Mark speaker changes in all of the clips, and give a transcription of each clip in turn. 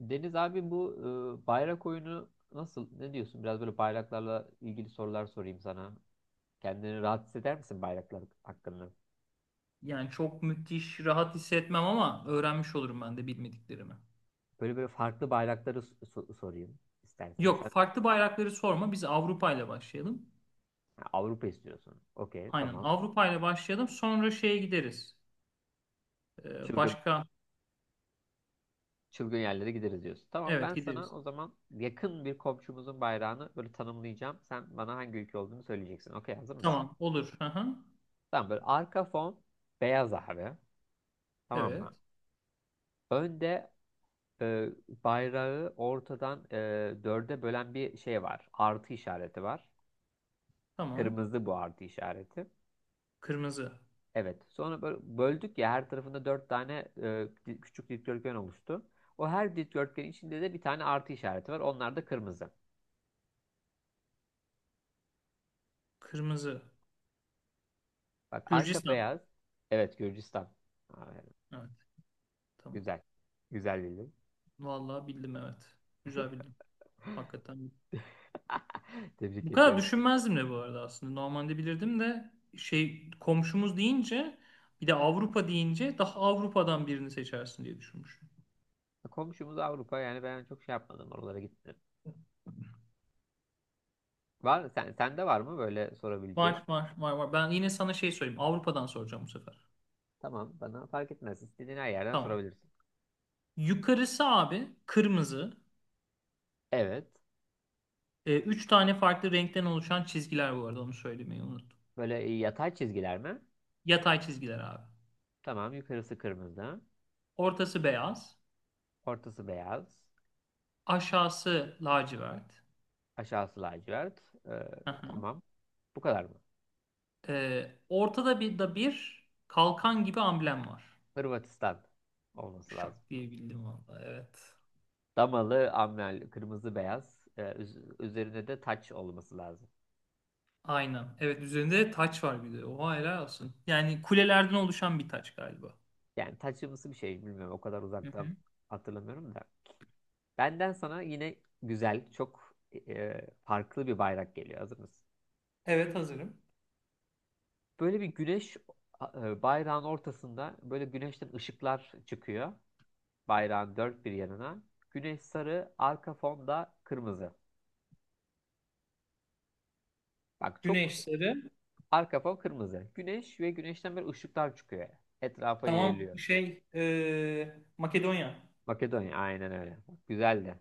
Speaker 1: Deniz abi bu bayrak oyunu nasıl? Ne diyorsun? Biraz böyle bayraklarla ilgili sorular sorayım sana. Kendini rahat hisseder misin bayraklar hakkında?
Speaker 2: Yani çok müthiş, rahat hissetmem ama öğrenmiş olurum ben de bilmediklerimi.
Speaker 1: Böyle böyle farklı bayrakları sorayım istersen. Yani sen.
Speaker 2: Yok, farklı bayrakları sorma. Biz Avrupa ile başlayalım.
Speaker 1: Ha, Avrupa istiyorsun. Okey,
Speaker 2: Aynen,
Speaker 1: tamam.
Speaker 2: Avrupa ile başlayalım. Sonra şeye gideriz. Ee,
Speaker 1: Çılgın
Speaker 2: başka,
Speaker 1: çılgın yerlere gideriz diyorsun. Tamam, ben
Speaker 2: evet
Speaker 1: sana
Speaker 2: gideriz.
Speaker 1: o zaman yakın bir komşumuzun bayrağını böyle tanımlayacağım. Sen bana hangi ülke olduğunu söyleyeceksin. Okey, hazır mısın?
Speaker 2: Tamam, olur. Hı hı.
Speaker 1: Tamam, böyle arka fon beyaz abi. Tamam
Speaker 2: Evet,
Speaker 1: mı? Önde e, bayrağı ortadan dörde bölen bir şey var. Artı işareti var.
Speaker 2: tamam.
Speaker 1: Kırmızı bu artı işareti.
Speaker 2: Kırmızı,
Speaker 1: Evet. Sonra böyle böldük ya, her tarafında dört tane küçük dikdörtgen oluştu. O her dikdörtgenin içinde de bir tane artı işareti var. Onlar da kırmızı.
Speaker 2: kırmızı.
Speaker 1: Bak arka
Speaker 2: Gürcistan.
Speaker 1: beyaz. Evet, Gürcistan. Aferin.
Speaker 2: Evet, tamam.
Speaker 1: Güzel. Güzel bildim.
Speaker 2: Vallahi bildim, evet. Güzel bildim. Hakikaten.
Speaker 1: Tebrik
Speaker 2: Bu kadar
Speaker 1: ediyorum.
Speaker 2: düşünmezdim de bu arada aslında. Normalde bilirdim de şey, komşumuz deyince bir de Avrupa deyince daha Avrupa'dan birini seçersin diye düşünmüşüm.
Speaker 1: Komşumuz Avrupa yani, ben çok şey yapmadım, oralara gitmedim. Var, sende var mı böyle sorabileceğin?
Speaker 2: Var var var var. Ben yine sana şey sorayım. Avrupa'dan soracağım bu sefer.
Speaker 1: Tamam, bana fark etmez. İstediğin her yerden
Speaker 2: Tamam.
Speaker 1: sorabilirsin.
Speaker 2: Yukarısı abi kırmızı.
Speaker 1: Evet.
Speaker 2: Üç tane farklı renkten oluşan çizgiler, bu arada onu söylemeyi unuttum.
Speaker 1: Böyle yatay çizgiler mi?
Speaker 2: Yatay çizgiler abi.
Speaker 1: Tamam, yukarısı kırmızı.
Speaker 2: Ortası beyaz.
Speaker 1: Ortası beyaz.
Speaker 2: Aşağısı lacivert.
Speaker 1: Aşağısı lacivert. Ee,
Speaker 2: Hı hı.
Speaker 1: tamam. Bu kadar mı?
Speaker 2: Ortada bir da bir kalkan gibi amblem var.
Speaker 1: Hırvatistan olması lazım.
Speaker 2: Şak diye bildim valla, evet.
Speaker 1: Damalı, amber, kırmızı, beyaz. Üzerinde de taç olması lazım.
Speaker 2: Aynen. Evet, üzerinde taç var bir de. Oha, helal olsun. Yani kulelerden oluşan bir taç galiba.
Speaker 1: Yani taçımsı bir şey, bilmiyorum. O kadar
Speaker 2: Hı hı.
Speaker 1: uzaktan hatırlamıyorum da. Benden sana yine güzel, çok farklı bir bayrak geliyor. Hazır mısın?
Speaker 2: Evet, hazırım.
Speaker 1: Böyle bir güneş, bayrağın ortasında böyle güneşten ışıklar çıkıyor. Bayrağın dört bir yanına. Güneş sarı, arka fon da kırmızı. Bak çok,
Speaker 2: Güneş sarı.
Speaker 1: arka fon kırmızı. Güneş ve güneşten böyle ışıklar çıkıyor. Etrafa
Speaker 2: Tamam
Speaker 1: yayılıyor.
Speaker 2: şey, Makedonya.
Speaker 1: Makedonya aynen öyle. Bak, güzel de.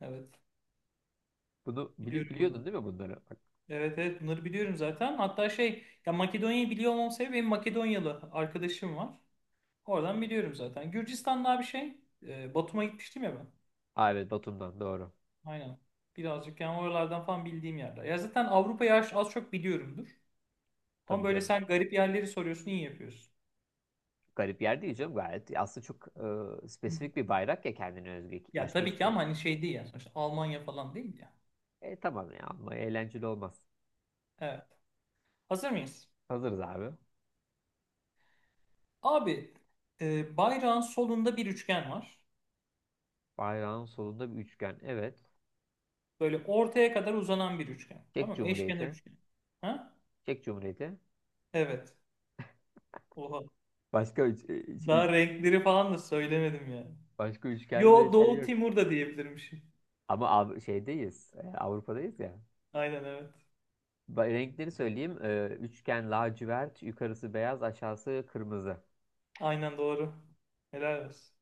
Speaker 2: Evet,
Speaker 1: Bunu
Speaker 2: biliyorum
Speaker 1: biliyordun
Speaker 2: bunu.
Speaker 1: değil mi bunları? Bak,
Speaker 2: Evet evet, bunları biliyorum zaten. Hatta şey ya, Makedonya'yı biliyor olmam sebebi benim Makedonyalı arkadaşım var. Oradan biliyorum zaten. Gürcistan daha bir şey. Batum'a gitmiştim ya ben.
Speaker 1: aa, evet, Batum'dan doğru.
Speaker 2: Aynen. Birazcık yani oralardan falan bildiğim yerler. Ya zaten Avrupa'yı az az çok biliyorumdur. Ama
Speaker 1: Tabii
Speaker 2: böyle
Speaker 1: canım.
Speaker 2: sen garip yerleri soruyorsun, iyi yapıyorsun.
Speaker 1: Garip yer değil canım, gayet. Aslında çok
Speaker 2: Hı.
Speaker 1: spesifik bir bayrak ya, kendine özgü.
Speaker 2: Ya
Speaker 1: Başka
Speaker 2: tabii
Speaker 1: hiçbir
Speaker 2: ki,
Speaker 1: şey.
Speaker 2: ama hani şey değil ya, sonuçta Almanya falan değil ya.
Speaker 1: E tamam ya, ama eğlenceli olmaz.
Speaker 2: Evet. Hazır mıyız?
Speaker 1: Hazırız abi.
Speaker 2: Abi, bayrağın solunda bir üçgen var.
Speaker 1: Bayrağın solunda bir üçgen. Evet.
Speaker 2: Böyle ortaya kadar uzanan bir üçgen.
Speaker 1: Çek
Speaker 2: Tamam mı? Eşkenar
Speaker 1: Cumhuriyeti.
Speaker 2: üçgen. Ha?
Speaker 1: Çek Cumhuriyeti.
Speaker 2: Evet. Oha.
Speaker 1: Başka üç- üç-
Speaker 2: Daha renkleri falan da söylemedim yani.
Speaker 1: Başka üçgenle
Speaker 2: Yo,
Speaker 1: şey
Speaker 2: Doğu
Speaker 1: yok.
Speaker 2: Timur da diyebilirmişim.
Speaker 1: Şeydeyiz. Avrupa'dayız ya.
Speaker 2: Aynen, evet.
Speaker 1: Renkleri söyleyeyim. E, üçgen lacivert. Yukarısı beyaz. Aşağısı kırmızı.
Speaker 2: Aynen doğru. Helal olsun.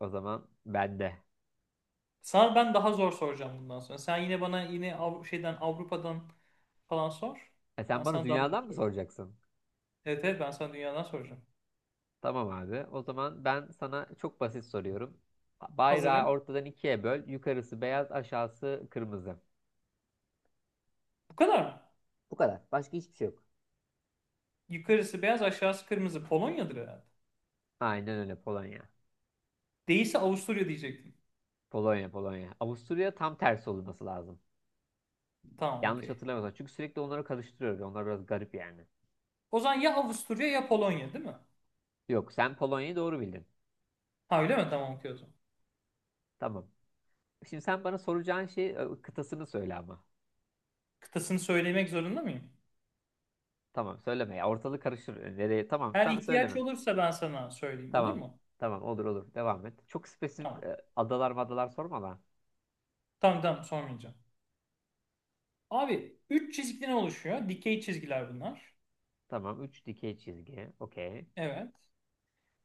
Speaker 1: O zaman bende.
Speaker 2: Sana ben daha zor soracağım bundan sonra. Sen yine bana yine şeyden, Avrupa'dan falan sor.
Speaker 1: E,
Speaker 2: Ben
Speaker 1: sen bana
Speaker 2: sana daha zor
Speaker 1: dünyadan mı
Speaker 2: soracağım.
Speaker 1: soracaksın?
Speaker 2: Evet evet, ben sana dünyadan soracağım.
Speaker 1: Tamam abi. O zaman ben sana çok basit soruyorum. Bayrağı
Speaker 2: Hazırım.
Speaker 1: ortadan ikiye böl. Yukarısı beyaz. Aşağısı kırmızı.
Speaker 2: Bu kadar mı?
Speaker 1: Bu kadar. Başka hiçbir şey yok.
Speaker 2: Yukarısı beyaz, aşağısı kırmızı. Polonya'dır herhalde.
Speaker 1: Aynen öyle, Polonya.
Speaker 2: Değilse Avusturya diyecektim.
Speaker 1: Polonya, Polonya. Avusturya tam tersi olması lazım.
Speaker 2: Tamam,
Speaker 1: Yanlış
Speaker 2: okey.
Speaker 1: hatırlamıyorsam. Çünkü sürekli onları karıştırıyoruz. Yani onlar biraz garip yani.
Speaker 2: O zaman ya Avusturya ya Polonya, değil mi?
Speaker 1: Yok, sen Polonya'yı doğru bildin.
Speaker 2: Ha, öyle mi? Tamam, okey o zaman.
Speaker 1: Tamam. Şimdi sen bana soracağın şey, kıtasını söyle ama.
Speaker 2: Kıtasını söylemek zorunda mıyım?
Speaker 1: Tamam, söyleme ya. Ortalık karışır. E, nereye? Tamam,
Speaker 2: Eğer
Speaker 1: tamam söyleme.
Speaker 2: ihtiyaç olursa ben sana söyleyeyim, olur
Speaker 1: Tamam.
Speaker 2: mu?
Speaker 1: Tamam, olur olur. Devam et. Çok spesifik
Speaker 2: Tamam.
Speaker 1: adalar madalar sorma lan.
Speaker 2: Tamam tamam, sormayacağım. Abi 3 çizgiden oluşuyor. Dikey çizgiler bunlar.
Speaker 1: Tamam, 3 dikey çizgi. Okey.
Speaker 2: Evet.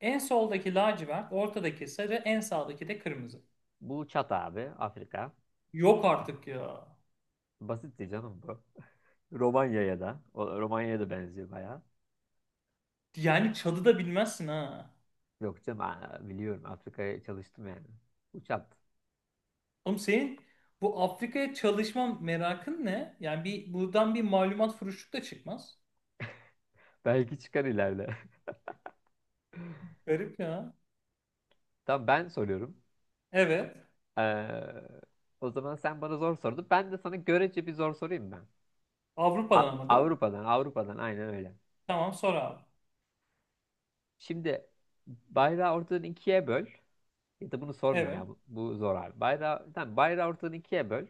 Speaker 2: En soldaki lacivert, ortadaki sarı, en sağdaki de kırmızı.
Speaker 1: Bu Çat abi, Afrika.
Speaker 2: Yok artık ya.
Speaker 1: Basitti canım bu. Romanya'ya da. Romanya'ya da benziyor bayağı.
Speaker 2: Yani çalı da bilmezsin ha.
Speaker 1: Yok canım, aa, biliyorum, Afrika'ya çalıştım yani. Uçak.
Speaker 2: Oğlum senin bu Afrika'ya çalışma merakın ne? Yani bir buradan bir malumat furuşluk da çıkmaz.
Speaker 1: Belki çıkar ileride.
Speaker 2: Garip ya.
Speaker 1: Tamam, ben soruyorum.
Speaker 2: Evet.
Speaker 1: Ee, O zaman sen bana zor sordun. Ben de sana görece bir zor sorayım ben.
Speaker 2: Avrupa'dan ama değil mi?
Speaker 1: Avrupa'dan, Avrupa'dan aynen öyle.
Speaker 2: Tamam sor abi.
Speaker 1: Şimdi bayrağı ortadan ikiye böl. Ya da bunu sormayayım
Speaker 2: Evet.
Speaker 1: ya, bu zor abi. Bayrağı, tamam, bayrağı ortadan ikiye böl.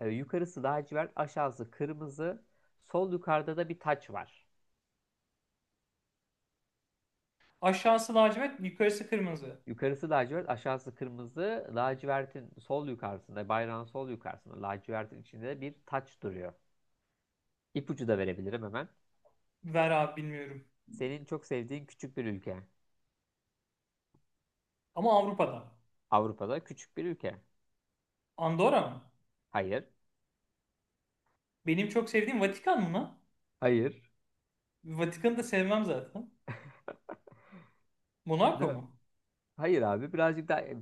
Speaker 1: Yukarısı lacivert, aşağısı kırmızı. Sol yukarıda da bir taç var.
Speaker 2: Aşağısı lacivert, yukarısı kırmızı.
Speaker 1: Yukarısı lacivert, aşağısı kırmızı. Lacivertin sol yukarısında, bayrağın sol yukarısında lacivertin içinde bir taç duruyor. İpucu da verebilirim hemen.
Speaker 2: Ver abi, bilmiyorum.
Speaker 1: Senin çok sevdiğin küçük bir ülke.
Speaker 2: Ama Avrupa'dan.
Speaker 1: Avrupa'da küçük bir ülke.
Speaker 2: Andorra mı?
Speaker 1: Hayır.
Speaker 2: Benim çok sevdiğim Vatikan mı?
Speaker 1: Hayır.
Speaker 2: Vatikan'ı da sevmem zaten. Monaco
Speaker 1: Da.
Speaker 2: mu?
Speaker 1: Hayır abi, birazcık daha,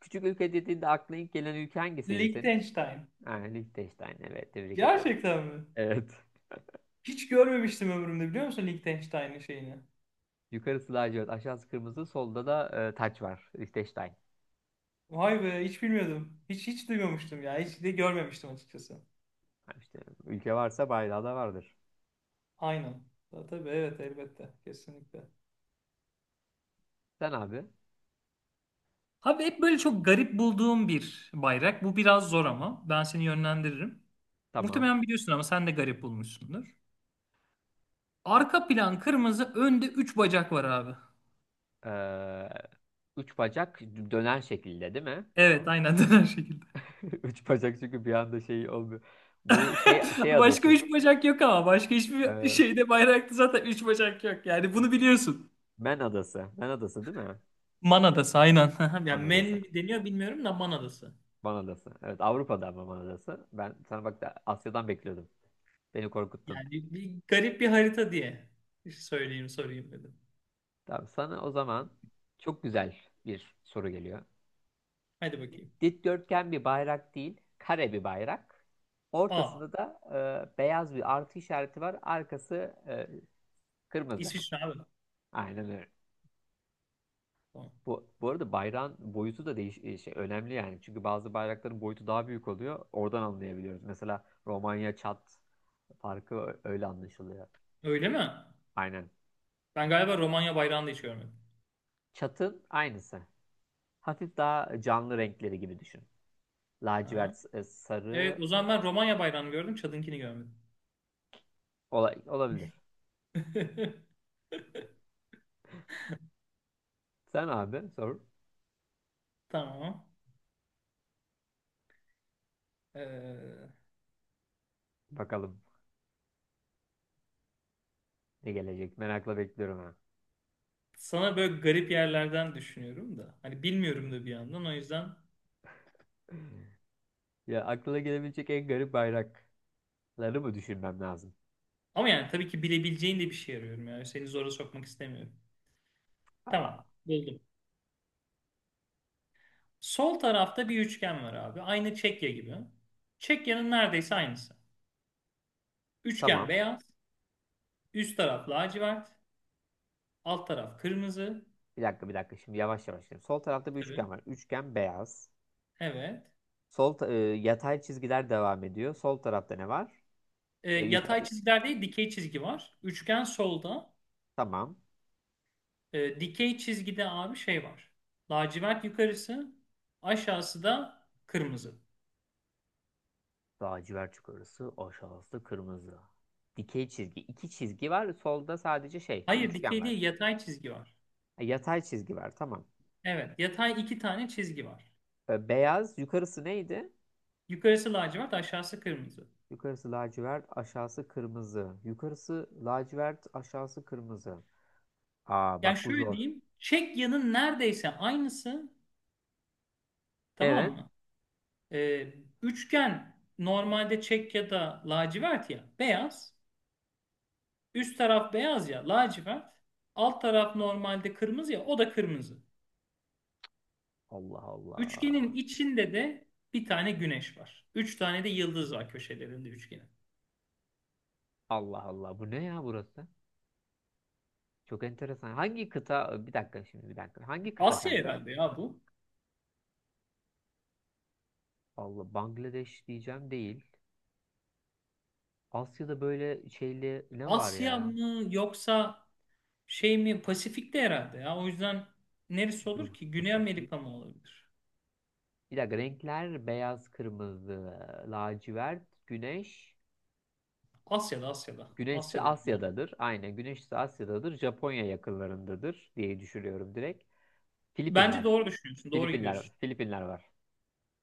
Speaker 1: küçük ülke dediğinde aklına ilk gelen ülke hangisiydi senin?
Speaker 2: Liechtenstein.
Speaker 1: Ha, Liechtenstein. Evet, tebrik ediyorum.
Speaker 2: Gerçekten mi?
Speaker 1: Evet.
Speaker 2: Hiç görmemiştim ömrümde, biliyor musun, Liechtenstein'in şeyini?
Speaker 1: Yukarısı lacivert, aşağısı kırmızı, solda da taç var. Liechtenstein.
Speaker 2: Vay be, hiç bilmiyordum. Hiç hiç duymamıştım ya. Hiç de görmemiştim açıkçası.
Speaker 1: Ha, işte, ülke varsa bayrağı da vardır.
Speaker 2: Aynen. Tabii evet, elbette. Kesinlikle.
Speaker 1: Sen abi.
Speaker 2: Abi hep böyle çok garip bulduğum bir bayrak. Bu biraz zor ama ben seni yönlendiririm.
Speaker 1: Tamam.
Speaker 2: Muhtemelen biliyorsun ama sen de garip bulmuşsundur. Arka plan kırmızı, önde 3 bacak var abi.
Speaker 1: Ee, Üç bacak, dönen şekilde değil mi?
Speaker 2: Evet, aynen döner şekilde.
Speaker 1: Üç bacak çünkü bir anda şey olmuyor. Bu şey şey
Speaker 2: Başka
Speaker 1: adası.
Speaker 2: 3 bacak yok ama başka hiçbir
Speaker 1: Ee,
Speaker 2: şeyde bayrakta zaten 3 bacak yok. Yani bunu biliyorsun.
Speaker 1: Man adası. Man adası değil mi?
Speaker 2: Man Adası aynen.
Speaker 1: Man
Speaker 2: Yani
Speaker 1: adası.
Speaker 2: men deniyor bilmiyorum da, Man Adası.
Speaker 1: Man adası. Evet, Avrupa'da ama Man adası. Ben sana bak da Asya'dan bekliyordum. Beni korkuttun.
Speaker 2: Yani bir garip bir harita diye söyleyeyim sorayım dedim.
Speaker 1: Tamam, sana o zaman çok güzel bir soru geliyor.
Speaker 2: Hadi bakayım.
Speaker 1: Dikdörtgen bir bayrak değil, kare bir bayrak.
Speaker 2: Aa,
Speaker 1: Ortasında da beyaz bir artı işareti var. Arkası e, kırmızı.
Speaker 2: İsviçre abi.
Speaker 1: Aynen.
Speaker 2: Tamam.
Speaker 1: Bu, bu arada bayrağın boyutu da önemli yani. Çünkü bazı bayrakların boyutu daha büyük oluyor. Oradan anlayabiliyoruz. Mesela Romanya, Çat farkı öyle anlaşılıyor.
Speaker 2: Öyle mi?
Speaker 1: Aynen.
Speaker 2: Ben galiba Romanya bayrağını da hiç görmedim.
Speaker 1: Çatın aynısı. Hafif daha canlı renkleri gibi düşün.
Speaker 2: Ha.
Speaker 1: Lacivert,
Speaker 2: Evet,
Speaker 1: sarı.
Speaker 2: o zaman ben Romanya bayrağını gördüm, Çad'ınkini görmedim.
Speaker 1: Olabilir. Sen abi sor.
Speaker 2: Tamam. Ee,
Speaker 1: Bakalım ne gelecek. Merakla bekliyorum ha.
Speaker 2: Sana böyle garip yerlerden düşünüyorum da. Hani bilmiyorum da bir yandan, o yüzden.
Speaker 1: Ya aklına gelebilecek en garip bayrakları mı düşünmem lazım?
Speaker 2: Ama yani tabii ki bilebileceğin de bir şey arıyorum yani. Seni zora sokmak istemiyorum.
Speaker 1: Aa,
Speaker 2: Tamam. Buldum. Sol tarafta bir üçgen var abi. Aynı Çekya gibi. Çekya'nın neredeyse aynısı. Üçgen
Speaker 1: tamam.
Speaker 2: beyaz. Üst taraf lacivert. Alt taraf kırmızı.
Speaker 1: Bir dakika, bir dakika. Şimdi yavaş yavaş gidelim. Sol tarafta bir
Speaker 2: Tabii.
Speaker 1: üçgen var. Üçgen beyaz.
Speaker 2: Evet.
Speaker 1: Yatay çizgiler devam ediyor. Sol tarafta ne var? Şey
Speaker 2: Yatay
Speaker 1: yukarı,
Speaker 2: çizgiler değil, dikey çizgi var. Üçgen solda.
Speaker 1: tamam.
Speaker 2: Dikey çizgide abi şey var. Lacivert yukarısı. Aşağısı da kırmızı.
Speaker 1: Lacivert yukarısı, aşağısı kırmızı. Dikey çizgi. İki çizgi var. Solda sadece şey bir
Speaker 2: Hayır,
Speaker 1: üçgen
Speaker 2: dikey
Speaker 1: var.
Speaker 2: değil, yatay çizgi var.
Speaker 1: Ha, yatay çizgi var, tamam.
Speaker 2: Evet, yatay iki tane çizgi var.
Speaker 1: E, beyaz yukarısı neydi?
Speaker 2: Yukarısı lacivert, aşağısı kırmızı.
Speaker 1: Yukarısı lacivert, aşağısı kırmızı. Yukarısı lacivert, aşağısı kırmızı. Aa
Speaker 2: Yani
Speaker 1: bak, bu
Speaker 2: şöyle
Speaker 1: zor.
Speaker 2: diyeyim. Çekya'nın neredeyse aynısı. Tamam
Speaker 1: Evet.
Speaker 2: mı? Ee, Üçgen normalde çek ya da lacivert ya beyaz. Üst taraf beyaz ya lacivert. Alt taraf normalde kırmızı ya, o da kırmızı.
Speaker 1: Allah Allah.
Speaker 2: Üçgenin içinde de bir tane güneş var. Üç tane de yıldız var köşelerinde üçgenin.
Speaker 1: Allah Allah. Bu ne ya burası? Çok enteresan. Hangi kıta? Bir dakika şimdi, bir dakika. Hangi kıta
Speaker 2: Asya
Speaker 1: kanka?
Speaker 2: herhalde ya bu.
Speaker 1: Allah, Bangladeş diyeceğim değil. Asya'da böyle şeyli ne var
Speaker 2: Asya
Speaker 1: ya?
Speaker 2: mı yoksa şey mi, Pasifik'te herhalde ya. O yüzden neresi olur
Speaker 1: Dur,
Speaker 2: ki? Güney
Speaker 1: Pasifik.
Speaker 2: Amerika mı olabilir?
Speaker 1: Bir dakika, renkler beyaz, kırmızı, lacivert, güneş.
Speaker 2: Asya'da Asya'da.
Speaker 1: Güneşse
Speaker 2: Asya'da yani.
Speaker 1: Asya'dadır. Aynen, güneşse Asya'dadır. Japonya yakınlarındadır diye düşünüyorum direkt.
Speaker 2: Bence
Speaker 1: Filipinler.
Speaker 2: doğru düşünüyorsun. Doğru
Speaker 1: Filipinler.
Speaker 2: gidiyorsun.
Speaker 1: Filipinler var.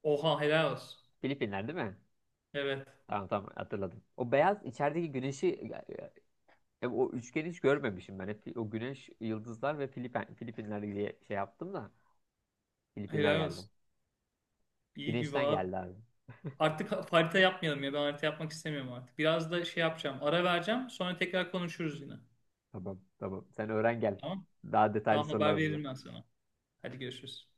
Speaker 2: Oha helal olsun.
Speaker 1: Filipinler değil mi?
Speaker 2: Evet.
Speaker 1: Tamam tamam, hatırladım. O beyaz içerideki güneşi, o üçgeni hiç görmemişim ben. Hep o güneş, yıldızlar ve Filipinler diye şey yaptım da Filipinler
Speaker 2: Helal
Speaker 1: geldi.
Speaker 2: olsun. İyi gibi
Speaker 1: Güneşten
Speaker 2: abi.
Speaker 1: geldi abi.
Speaker 2: Artık harita yapmayalım ya. Ben harita yapmak istemiyorum artık. Biraz da şey yapacağım. Ara vereceğim. Sonra tekrar konuşuruz yine.
Speaker 1: Tamam tamam. Sen öğren gel.
Speaker 2: Tamam.
Speaker 1: Daha detaylı
Speaker 2: Tamam, haber
Speaker 1: sorular burada.
Speaker 2: veririm ben sana. Hadi görüşürüz.